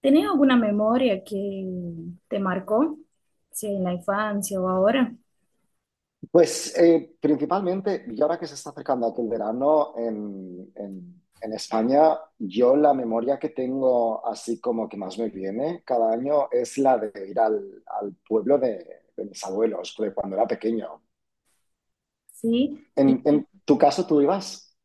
¿Tenés alguna memoria que te marcó, sea en la infancia o ahora? Pues, principalmente, y ahora que se está acercando aquel verano en España, yo la memoria que tengo, así como que más me viene cada año, es la de ir al pueblo de mis abuelos, de cuando era pequeño. Sí, En tu caso, ¿tú ibas?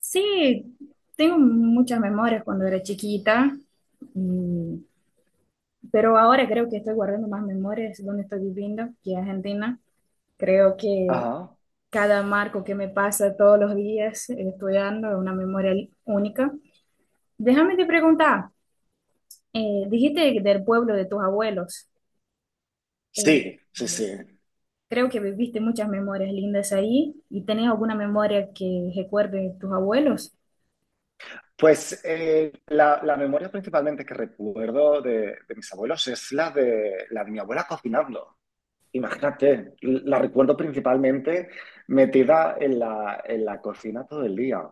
sí, tengo muchas memorias cuando era chiquita, y- pero ahora creo que estoy guardando más memorias donde estoy viviendo, que es Argentina. Creo que Ajá. cada marco que me pasa todos los días estudiando es una memoria única. Déjame te preguntar, dijiste del pueblo de tus abuelos. eh, Sí, sí, sí. Creo que viviste muchas memorias lindas ahí y tenés alguna memoria que recuerde tus abuelos. Pues, la memoria principalmente que recuerdo de mis abuelos es la de mi abuela cocinando. Imagínate, la recuerdo principalmente metida en la cocina todo el día.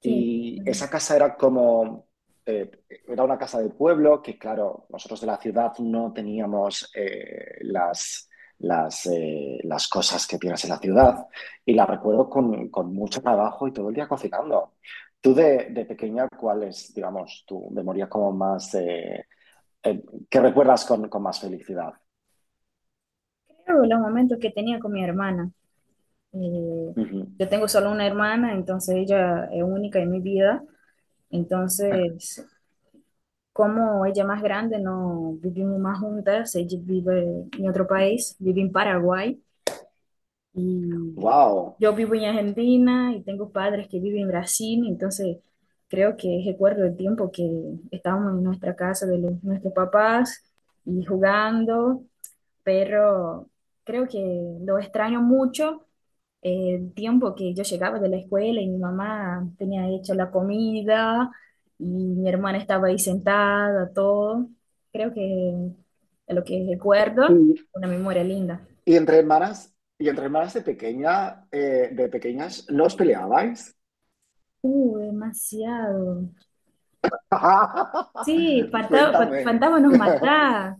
Que Y esa casa era como, eh, era una casa de pueblo que, claro, nosotros de la ciudad no teníamos las cosas que tienes en la ciudad. Y la recuerdo con mucho trabajo y todo el día cocinando. Tú de pequeña, ¿cuál es, digamos, tu memoria como más, eh, que recuerdas con más felicidad? creo los momentos que tenía con mi hermana. Eh, Ujú. yo tengo solo una hermana, entonces ella es única en mi vida. Entonces, como ella es más grande, no vivimos más juntas. Ella vive en otro país, vive en Paraguay. Y Wow. yo vivo en Argentina y tengo padres que viven en Brasil, entonces creo que recuerdo el tiempo que estábamos en nuestra casa de nuestros papás y jugando, pero creo que lo extraño mucho, el tiempo que yo llegaba de la escuela y mi mamá tenía hecho la comida y mi hermana estaba ahí sentada, todo. Creo que es lo que recuerdo, Y, una memoria linda. y entre hermanas, y entre hermanas de pequeñas, ¿no os peleabais? Demasiado. Sí, Cuéntame. Fantasma nos mata.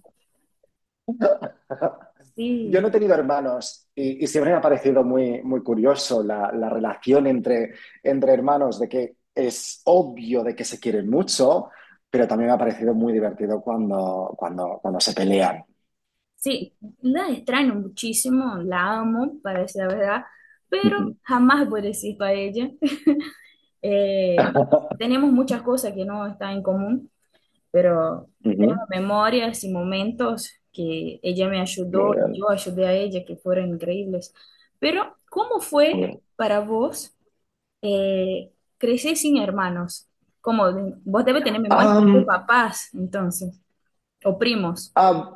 Yo no Sí, he tenido hermanos y siempre me ha parecido muy, muy curioso la relación entre hermanos, de que es obvio de que se quieren mucho, pero también me ha parecido muy divertido cuando se pelean. sí, la extraño muchísimo, la amo, para decir la verdad, pero Ujú. jamás voy a decir para ella. Eh, tenemos muchas cosas que no están en común, pero tenemos Ujú. memorias y momentos que ella me Muy ayudó, bien, yo ayudé a ella, que fueron increíbles. Pero, ¿cómo muy fue bien. para vos eh, crecer sin hermanos? Como vos debes tener memorias de tus Am, papás, entonces. O primos. am,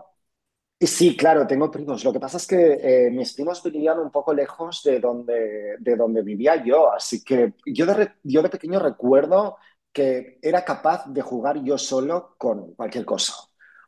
Y sí, claro, tengo primos. Lo que pasa es que mis primos vivían un poco lejos de donde, vivía yo, así que yo de pequeño recuerdo que era capaz de jugar yo solo con cualquier cosa.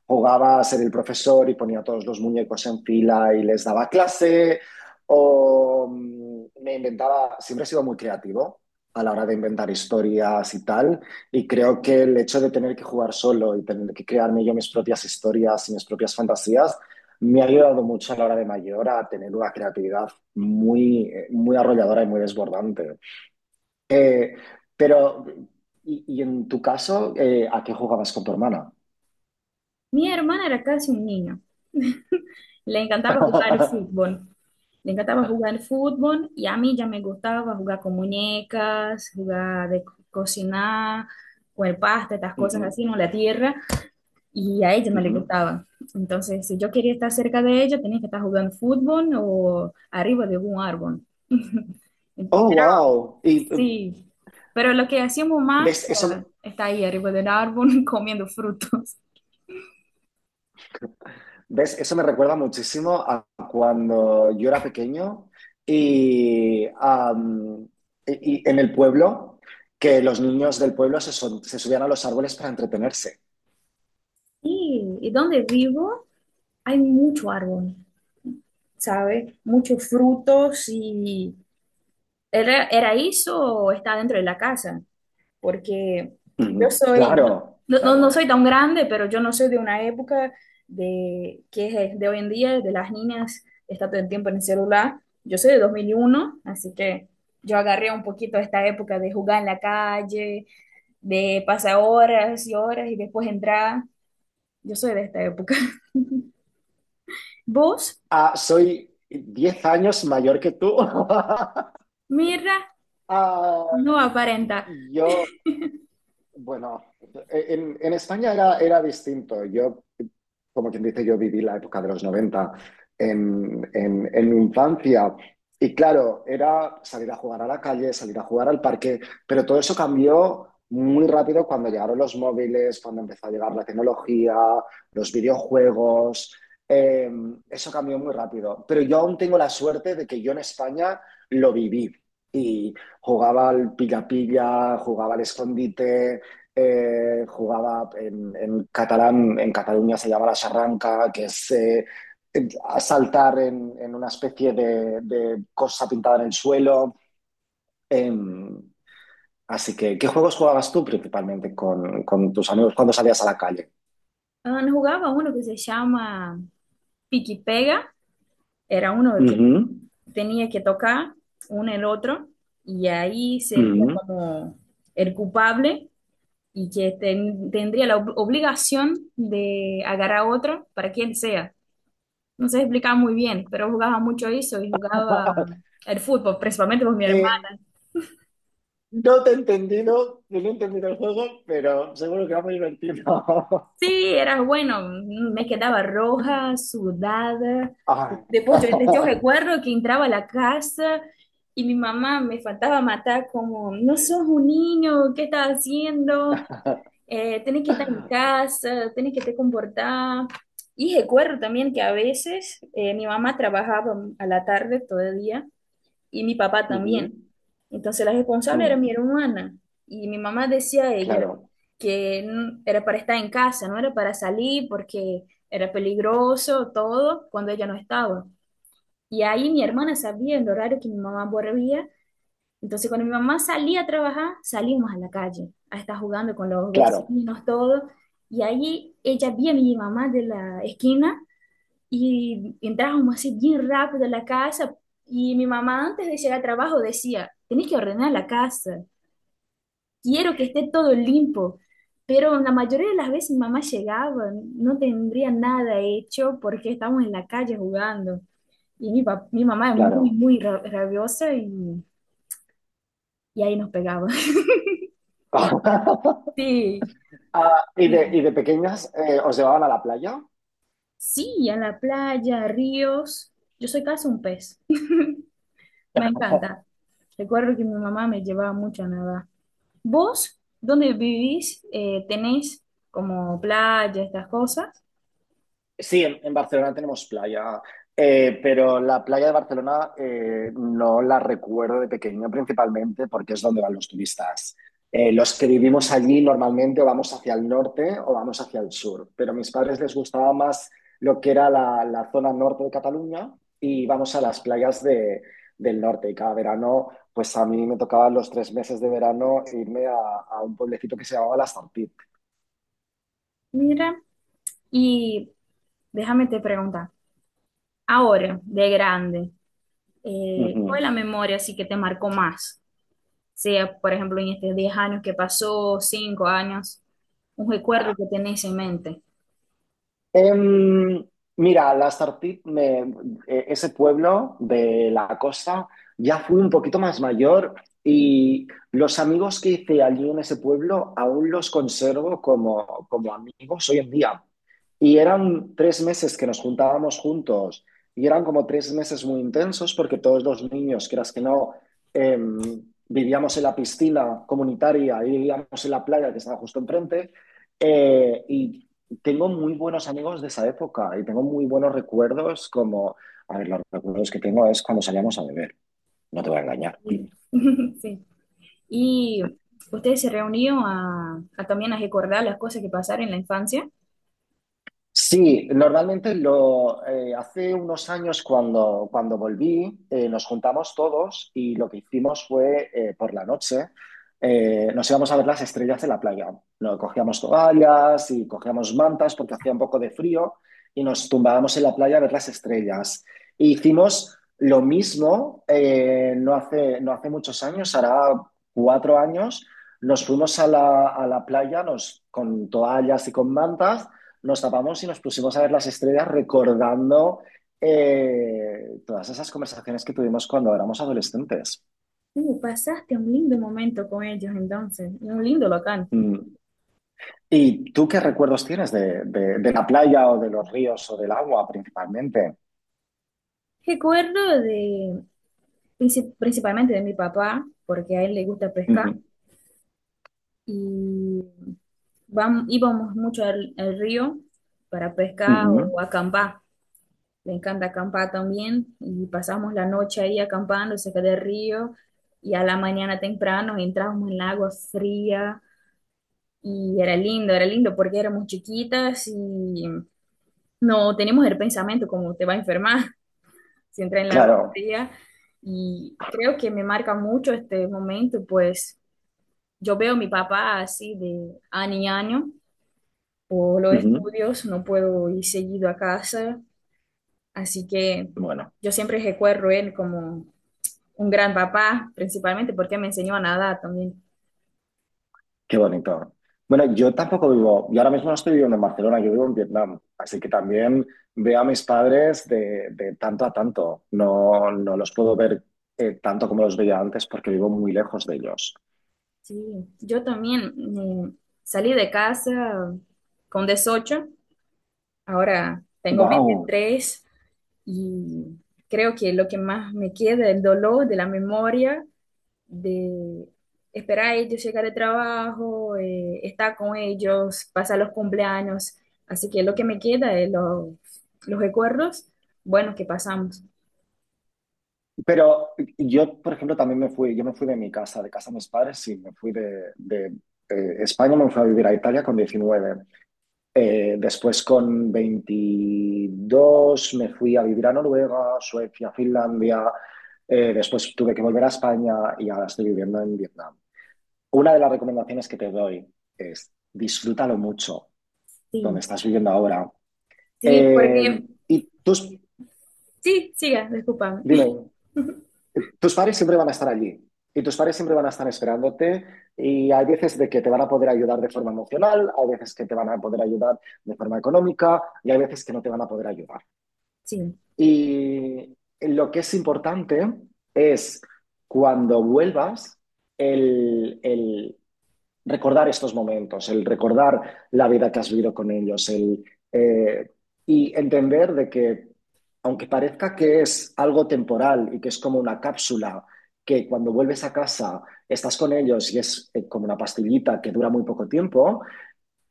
Jugaba a ser el profesor y ponía todos los muñecos en fila y les daba clase, o me inventaba, siempre he sido muy creativo a la hora de inventar historias y tal. Y creo que el hecho de tener que jugar solo y tener que crearme yo mis propias historias y mis propias fantasías me ha ayudado mucho a la hora de mayor a tener una creatividad muy, muy arrolladora y muy desbordante. Eh, pero, y en tu caso, ¿a qué jugabas con tu hermana? Mi hermana era casi un niño. Le encantaba jugar fútbol. Le encantaba jugar fútbol y a mí ya me gustaba jugar con muñecas, jugar de cocinar, comer pasta, estas cosas Ujú, así, no la tierra. Y a ella no le ujú. gustaba. Entonces, si yo quería estar cerca de ella, tenía que estar jugando fútbol o arriba de algún árbol. Oh, wow. Y Sí. Pero lo que hacíamos más ves, eso, era estar ahí arriba del árbol comiendo frutos. ves, eso me recuerda muchísimo a cuando yo era pequeño y, am, y en el pueblo, que los niños del pueblo se subían a los árboles para entretenerse. Sí, ¿y dónde vivo? Hay mucho árbol, ¿sabes? Muchos frutos y ¿era, era eso o está dentro de la casa? Porque yo Ujú. soy, Claro, no, no, no claro. soy tan grande, pero yo no soy de una época de que es de hoy en día, de las niñas, está todo el tiempo en el celular. Yo soy de 2001, así que yo agarré un poquito esta época de jugar en la calle, de pasar horas y horas y después entrar. Yo soy de esta época. ¿Vos? Ah, soy 10 años mayor que tú. Mira, Ah, no aparenta. yo, bueno, en España era distinto. Yo, como quien dice, yo viví la época de los 90 en mi infancia. Y claro, era salir a jugar a la calle, salir a jugar al parque, pero todo eso cambió muy rápido cuando llegaron los móviles, cuando empezó a llegar la tecnología, los videojuegos. eh, Eso cambió muy rápido. Pero yo aún tengo la suerte de que yo en España lo viví y jugaba al pilla-pilla, jugaba al escondite, jugaba en catalán, en Cataluña se llama la charranca, que es saltar en una especie de cosa pintada en el suelo. Eh, Así que, ¿qué juegos jugabas tú principalmente con tus amigos cuando salías a la calle? Ah, no jugaba uno que se llama Pique Pega, era uno Uh que -huh, tenía que tocar uno el otro y ahí sería uh como el culpable y que tendría la obligación de agarrar a otro para quien sea. No sé explicar muy bien, pero jugaba mucho eso y jugaba el fútbol, principalmente con mi hermano. no te he entendido, no he entendido el juego, pero seguro que va muy divertido. Sí, era bueno, me quedaba roja, sudada. Ah. Después yo, yo uh recuerdo que entraba a la casa y mi mamá me faltaba matar como, no sos un niño, ¿qué estás haciendo? Tenés que estar en casa, tenés que te comportar. Y recuerdo también que a veces, mi mamá trabajaba a la tarde todo el día y mi papá -huh. también. Entonces la responsable Mm, era mi hermana y mi mamá decía a ella claro, que era para estar en casa, no era para salir porque era peligroso todo cuando ella no estaba. Y ahí mi hermana sabía el horario que mi mamá volvía, entonces cuando mi mamá salía a trabajar, salíamos a la calle a estar jugando con los claro. vecinos, todo. Y ahí ella vio a mi mamá de la esquina y entrábamos así bien rápido a la casa, y mi mamá antes de llegar al trabajo decía, tenés que ordenar la casa, quiero que esté todo limpo. Pero la mayoría de las veces mamá llegaba, no tendría nada hecho porque estábamos en la calle jugando. Y mi mamá es muy, Claro. muy rabiosa, y ahí nos pegaba. Sí, Ah, sí. y de pequeñas os llevaban a la playa? Sí, a la playa, a ríos. Yo soy casi un pez. Me encanta. Recuerdo que mi mamá me llevaba mucho a nadar. ¿Vos, dónde vivís? ¿Tenés como playa, estas cosas? Sí, en Barcelona tenemos playa, pero la playa de Barcelona no la recuerdo de pequeño principalmente porque es donde van los turistas. Los que vivimos allí normalmente o vamos hacia el norte o vamos hacia el sur, pero a mis padres les gustaba más lo que era la zona norte de Cataluña y vamos a las playas del norte. Y cada verano, pues a mí me tocaba los 3 meses de verano irme a un pueblecito que se llamaba La Sartit. Mira. Y déjame te preguntar, ahora, de grande, ¿cuál Ujú. es la memoria así que te marcó más? Sea, por ejemplo, en estos 10 años que pasó, 5 años, un recuerdo que tenés en mente. Em, Mira, ese pueblo de la costa, ya fui un poquito más mayor y los amigos que hice allí en ese pueblo aún los conservo como amigos hoy en día. Y eran 3 meses que nos juntábamos juntos y eran como 3 meses muy intensos porque todos los niños, quieras que no, em, vivíamos en la piscina comunitaria y vivíamos en la playa que estaba justo enfrente. Y tengo muy buenos amigos de esa época y tengo muy buenos recuerdos como, a ver, los recuerdos que tengo es cuando salíamos a beber, no te voy a engañar. Sí. Sí. Y ustedes se reunieron a, también a recordar las cosas que pasaron en la infancia. Sí, normalmente lo hace unos años cuando volví, nos juntamos todos y lo que hicimos fue por la noche nos íbamos a ver las estrellas en la playa. No, cogíamos toallas y cogíamos mantas porque hacía un poco de frío y nos tumbábamos en la playa a ver las estrellas. E hicimos lo mismo, no hace muchos años, hará 4 años, nos fuimos a a la playa con toallas y con mantas nos tapamos y nos pusimos a ver las estrellas recordando todas esas conversaciones que tuvimos cuando éramos adolescentes. Pasaste un lindo momento con ellos entonces, un lindo local. Mm. ¿Y tú qué recuerdos tienes de la playa o de los ríos o del agua principalmente? Recuerdo de, principalmente de mi papá, porque a él le gusta Uh pescar, -huh. y íbamos mucho al, al río para Uh pescar -huh. o acampar. Le encanta acampar también y pasamos la noche ahí acampando cerca del río, y a la mañana temprano entrábamos en el agua fría y era lindo porque éramos chiquitas y no teníamos el pensamiento como te va a enfermar si entras en el agua Claro. fría, y creo que me marca mucho este momento, pues yo veo a mi papá así de año a año. Por los Uh -huh. estudios, no puedo ir seguido a casa, así que Bueno. yo siempre recuerdo él como un gran papá, principalmente porque me enseñó a nadar también. Qué bonito. Bueno, yo tampoco vivo, yo ahora mismo no estoy viviendo en Barcelona, yo vivo en Vietnam, así que también veo a mis padres de tanto a tanto. No, no los puedo ver tanto como los veía antes porque vivo muy lejos de ellos. Sí, yo también, eh, salí de casa con 18, ahora tengo Wow. 23, y creo que lo que más me queda es el dolor de la memoria de esperar a ellos llegar al trabajo, estar con ellos, pasar los cumpleaños. Así que lo que me queda es los recuerdos buenos que pasamos. Pero yo, por ejemplo, también me fui, yo me fui de mi casa de mis padres, sí, me fui de España, me fui a vivir a Italia con 19. Después con 22 me fui a vivir a Noruega, Suecia, Finlandia. Después tuve que volver a España y ahora estoy viviendo en Vietnam. Una de las recomendaciones que te doy es disfrútalo mucho donde Sí, estás viviendo ahora. sí, Eh, porque y tus, sí, siga, discúlpame. Dime, tus padres siempre van a estar allí y tus padres siempre van a estar esperándote, y hay veces de que te van a poder ayudar de forma emocional, hay veces que te van a poder ayudar de forma económica y hay veces que no te van a poder ayudar. Sí, Y lo que es importante es, cuando vuelvas, el recordar estos momentos, el recordar la vida que has vivido con ellos, eh, y entender de que, aunque parezca que es algo temporal y que es como una cápsula, que cuando vuelves a casa estás con ellos y es como una pastillita que dura muy poco tiempo,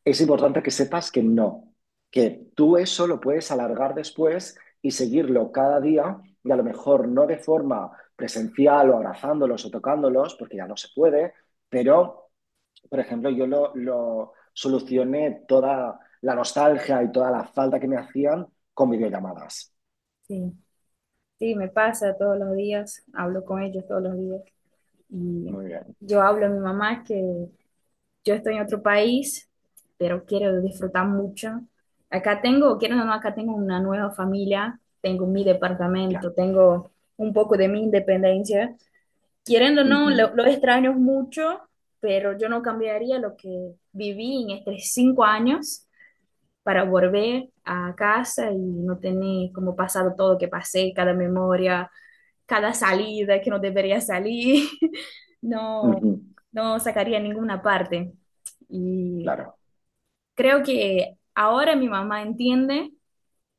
es importante que sepas que no, que tú eso lo puedes alargar después y seguirlo cada día, y a lo mejor no de forma presencial o abrazándolos o tocándolos, porque ya no se puede, pero, por ejemplo, yo lo solucioné toda la nostalgia y toda la falta que me hacían con videollamadas. sí, sí, me pasa todos los días, hablo con ellos todos los días. Y Muy bien, yo hablo a mi mamá que yo estoy en otro país, pero quiero disfrutar mucho. Acá tengo, quiero o no, acá tengo una nueva familia, tengo mi claro. departamento, tengo un poco de mi independencia. Queriendo o no, Ujú, lo extraño mucho, pero yo no cambiaría lo que viví en estos 5 años para volver a casa y no tener como pasado todo lo que pasé, cada memoria, cada salida que no debería salir. No, ujú, no sacaría ninguna parte. Y claro. creo que ahora mi mamá entiende,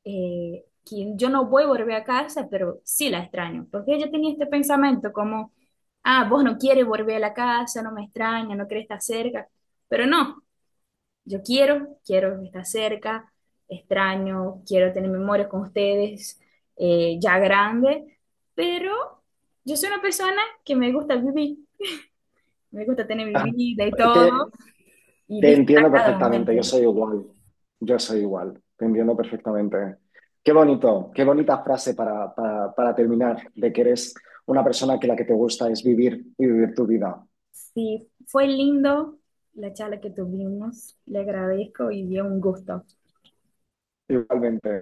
que yo no voy a volver a casa, pero sí la extraño, porque ella tenía este pensamiento como, ah, vos no quieres volver a la casa, no me extraña, no querés estar cerca, pero no. Yo quiero, quiero estar cerca, extraño, quiero tener memorias con ustedes, ya grande, pero yo soy una persona que me gusta vivir, me gusta tener mi vida y todo, Te- y Te disfrutar entiendo cada perfectamente, momento. Yo soy igual, te entiendo perfectamente. Qué bonito, qué bonita frase para terminar, de que eres una persona que la que te gusta es vivir y vivir tu vida. Sí, fue lindo la charla que tuvimos, le agradezco y dio un gusto. Igualmente.